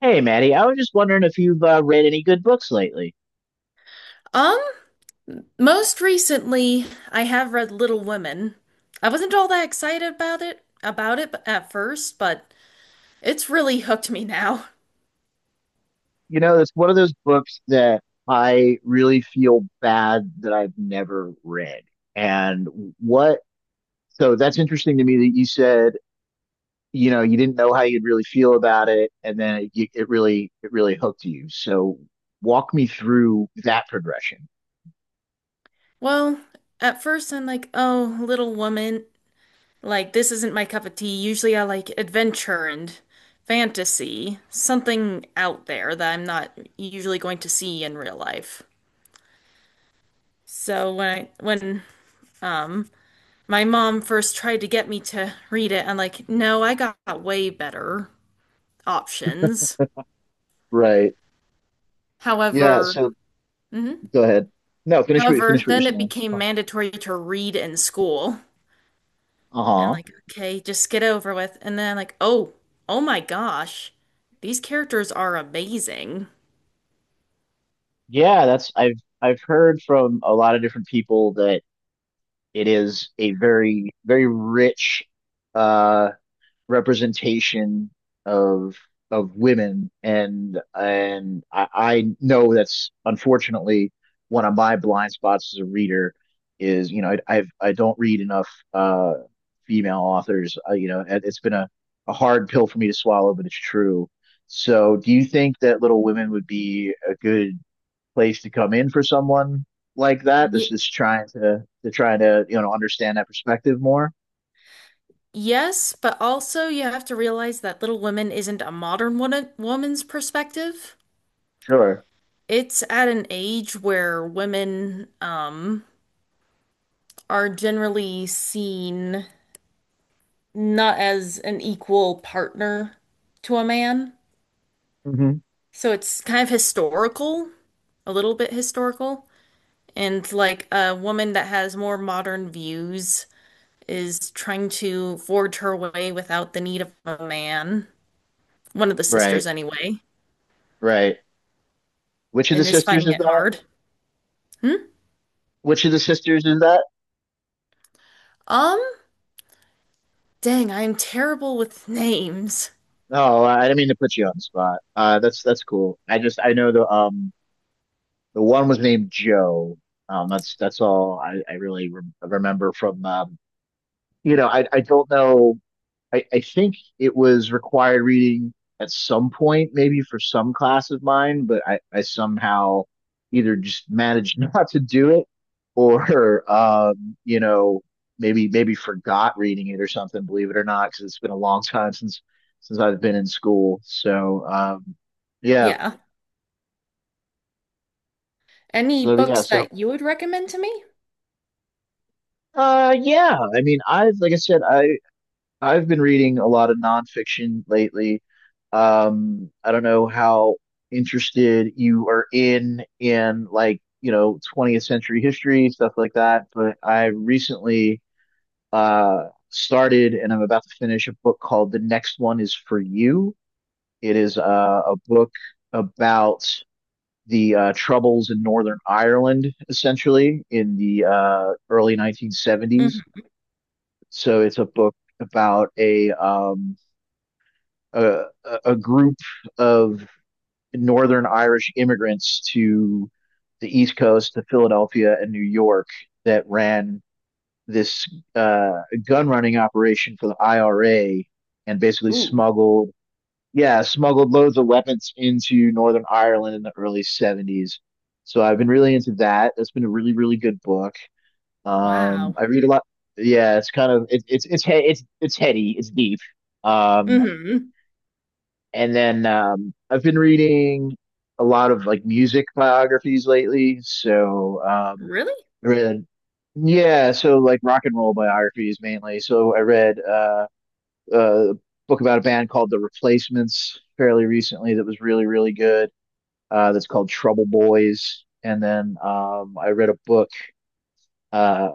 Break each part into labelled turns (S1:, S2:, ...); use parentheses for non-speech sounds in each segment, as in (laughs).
S1: Hey, Maddie, I was just wondering if you've read any good books lately.
S2: Um, most recently, I have read Little Women. I wasn't all that excited about it at first, but it's really hooked me now.
S1: You know, it's one of those books that I really feel bad that I've never read. And what, so that's interesting to me that you said, you know, you didn't know how you'd really feel about it, and then it really hooked you. So walk me through that progression.
S2: Well, at first I'm like, "Oh, Little Woman, like this isn't my cup of tea. Usually I like adventure and fantasy, something out there that I'm not usually going to see in real life." So when um my mom first tried to get me to read it, I'm like, "No, I got way better options."
S1: Right. Yeah.
S2: However,
S1: So
S2: mhm.
S1: go ahead. No,
S2: However,
S1: finish what you're
S2: then it
S1: saying. It's
S2: became
S1: fine.
S2: mandatory to read in school. And
S1: Uh-huh.
S2: like, okay, just get over with. And then like, oh, oh my gosh, these characters are amazing.
S1: Yeah, that's I've heard from a lot of different people that it is a very, very rich uh, representation of of women, and and I know that's unfortunately one of my blind spots as a reader is you know I don't read enough uh, female authors. You know, it's been a hard pill for me to swallow, but it's true. So, do you think that Little Women would be a good place to come in for someone like that that's
S2: Y
S1: just trying to try to you know understand that perspective more.
S2: Yes, but also you have to realize that Little Women isn't a modern woman's perspective.
S1: Sure.
S2: It's at an age where women are generally seen not as an equal partner to a man.
S1: Hmm.
S2: So it's kind of historical, a little bit historical, and like a woman that has more modern views is trying to forge her way without the need of a man. One of the sisters
S1: Right.
S2: anyway,
S1: Right. Which of the
S2: and is
S1: sisters
S2: finding
S1: is
S2: it
S1: that?
S2: hard. Hmm?
S1: Which of the sisters is that?
S2: Um, dang, I am terrible with names.
S1: Oh, I didn't mean to put you on the spot. That's cool. I just I know the one was named Joe. That's all I really re remember from you know I don't know I think it was required reading at some point, maybe for some class of mine, but I somehow either just managed (laughs) not to do it or, you know, maybe forgot reading it or something, believe it or not, because it's been a long (laughs) time since I've been in school. So, yeah.
S2: Yeah. Any
S1: So yeah,
S2: books
S1: so
S2: that you would recommend to me?
S1: yeah, I mean, I've like I said, I I've been reading a lot of nonfiction lately. I don't know how interested you are in like, you know, 20th century history, stuff like that, but I recently started and I'm about to finish a book called The Next One Is For You. It is a book about the troubles in Northern Ireland, essentially, in the early 1970s.
S2: Hmm.
S1: So it's a book about a a, a group of Northern Irish immigrants to the East Coast, to Philadelphia and New York, that ran this uh, gun running operation for the IRA and basically
S2: Ooh,
S1: yeah, smuggled loads of weapons into Northern Ireland in the early 70s. So I've been really into that. That's been a really, really good book.
S2: wow.
S1: I read a lot. Yeah, it's it's heady, it's deep. Um,
S2: Hmm.
S1: and then I've been reading a lot of like music biographies lately. So
S2: Really?
S1: I yeah, so like rock and roll biographies mainly. So I read a book about a band called The Replacements fairly recently that was really, really good. That's called Trouble Boys. And then I read a book uh,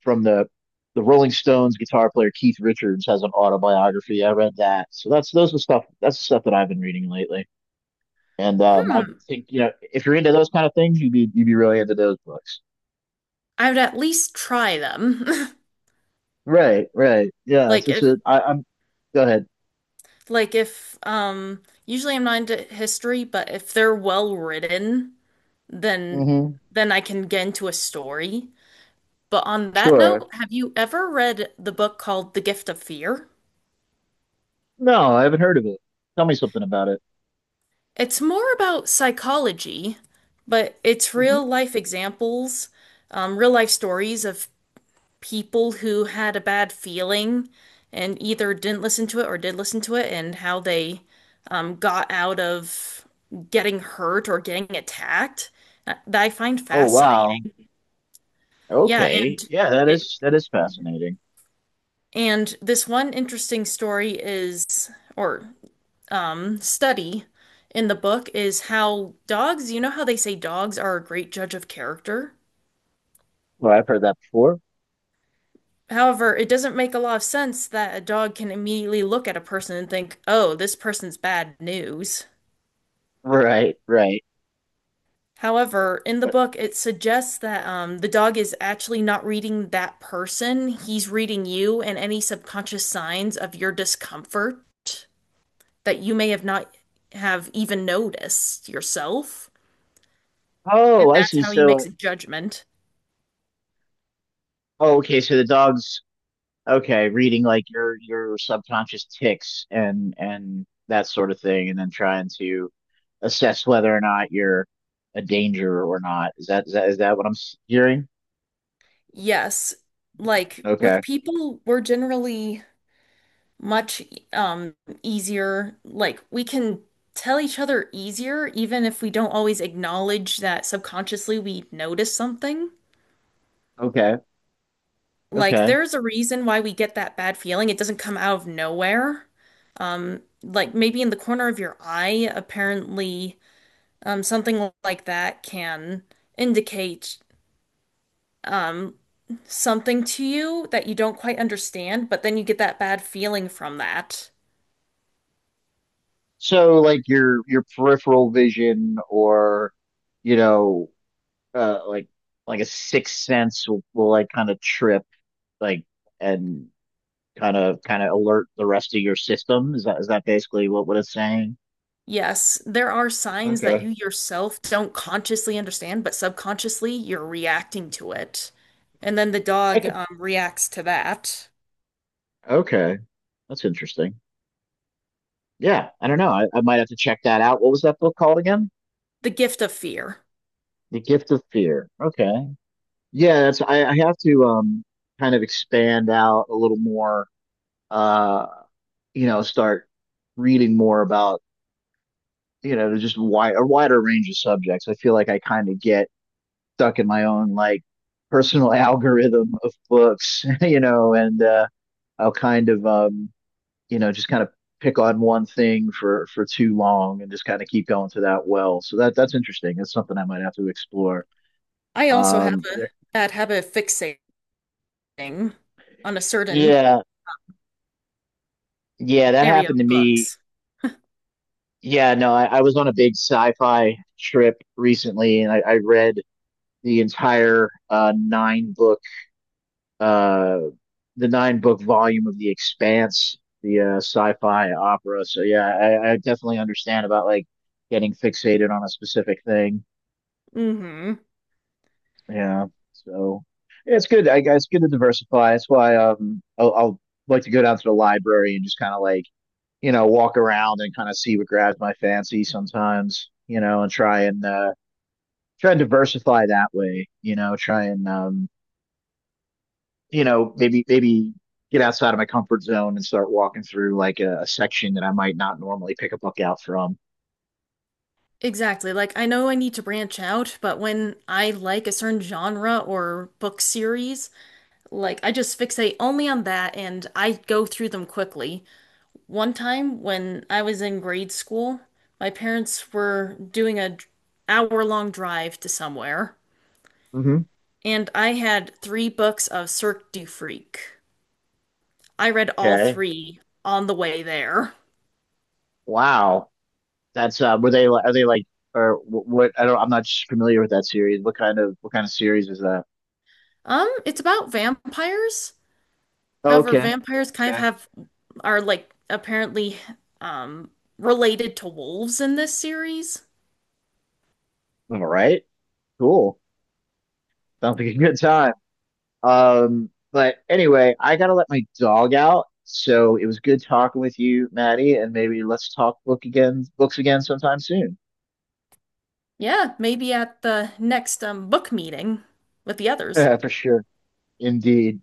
S1: from the Rolling Stones guitar player Keith Richards has an autobiography. I read that. So that's those are stuff that's the stuff that I've been reading lately. And I
S2: Hmm.
S1: think you know if you're into those kind of things, you'd be really into those books.
S2: I would at least try them. (laughs)
S1: Right, right. Yeah,
S2: Like if
S1: I'm go ahead.
S2: Like if usually I'm not into history, but if they're well written, then
S1: Hmm.
S2: then I can get into a story. But on that
S1: Sure.
S2: note, have you ever read the book called The Gift of Fear?
S1: No, I haven't heard of it. Tell me something about it.
S2: It's more about psychology, but it's real
S1: Hmm.
S2: life examples, real life stories of people who had a bad feeling and either didn't listen to it or did listen to it and how they got out of getting hurt or getting attacked that I find
S1: Oh
S2: fascinating.
S1: wow.
S2: Yeah,
S1: Okay.
S2: and
S1: Yeah,
S2: it,
S1: that is fascinating.
S2: and this one interesting story is or study in the book is how dogs, you know how they say dogs are a great judge of character?
S1: Well, I've heard that before.
S2: However, it doesn't make a lot of sense that a dog can immediately look at a person and think, "Oh, this person's bad news."
S1: Right, right.
S2: However, in the
S1: But
S2: book, it suggests that the dog is actually not reading that person. He's reading you and any subconscious signs of your discomfort that you may have not have even noticed yourself. And
S1: oh, I
S2: that's
S1: see.
S2: how he
S1: So,
S2: makes a judgment.
S1: oh, okay. So the dogs okay, reading like your subconscious tics and that sort of thing, and then trying to assess whether or not you're a danger or not. Is that what I'm hearing?
S2: Yes, like with
S1: Okay,
S2: people, we're generally much um easier. Like we can tell each other easier even if we don't always acknowledge that subconsciously we notice something.
S1: okay,
S2: Like
S1: okay.
S2: there's a reason why we get that bad feeling. It doesn't come out of nowhere. Like maybe in the corner of your eye, apparently something like that can indicate um something to you that you don't quite understand, but then you get that bad feeling from that.
S1: So like your peripheral vision or you know uh, like like a sixth sense will like kind of trip like and kind of alert the rest of your system. Is that basically what it's saying?
S2: Yes, there are signs that you
S1: Okay.
S2: yourself don't consciously understand, but subconsciously you're reacting to it. And then the dog reacts to that.
S1: Okay. That's interesting. Yeah, I don't know. I might have to check that out. What was that book called again?
S2: The Gift of Fear.
S1: The Gift of Fear. Okay. Yeah, I have to kind of expand out a little more, uh, you know, start reading more about, you know, just wider range of subjects. I feel like I kind of get stuck in my own like personal (laughs) algorithm of books, (laughs) you know, and I'll kind of you know, just kind of pick on one thing for too long and just kind of keep going to that well. So that's interesting. That's something I might have to explore.
S2: I also have
S1: Are
S2: a
S1: there-
S2: that have a fixating on a certain
S1: yeah, yeah, that
S2: area
S1: happened
S2: of
S1: to me.
S2: books.
S1: Yeah, no, I was on a big sci-fi trip recently, and I read the entire nine book uh, the nine book volume of The Expanse, the sci-fi opera. So yeah, I definitely understand about like getting fixated on a specific thing.
S2: Hmm.
S1: Yeah. So yeah, it's good. I guess it's good to diversify. That's why I'll like to go down to the library and just kind of like you know walk around and kind of see what grabs my fancy sometimes. You know, and try and try and diversify that way. You know, try and you know maybe get outside of my comfort zone and start walking through like a section that I might not normally pick a book out from.
S2: Exactly. Like I know I need to branch out, but when I like a certain genre or book series, like I just fixate only on that and I go through them quickly. One time when I was in grade school, my parents were doing a hour-long drive to somewhere,
S1: Hmm.
S2: and I had three books of Cirque du Freak. I read all
S1: Okay.
S2: three on the way there.
S1: Wow. That's were they are they like or what? I don't. I'm not familiar with that series. What kind of series is that?
S2: It's about vampires.
S1: Oh,
S2: However,
S1: okay.
S2: vampires kind of
S1: Okay.
S2: have are like apparently um related to wolves in this series.
S1: All right. Cool. Sounds like a good time. But anyway, I gotta let my dog out. So it was good talking with you, Maddie, and maybe let's books again sometime soon.
S2: Yeah, maybe at the next book meeting with the others.
S1: (laughs) For sure. Indeed.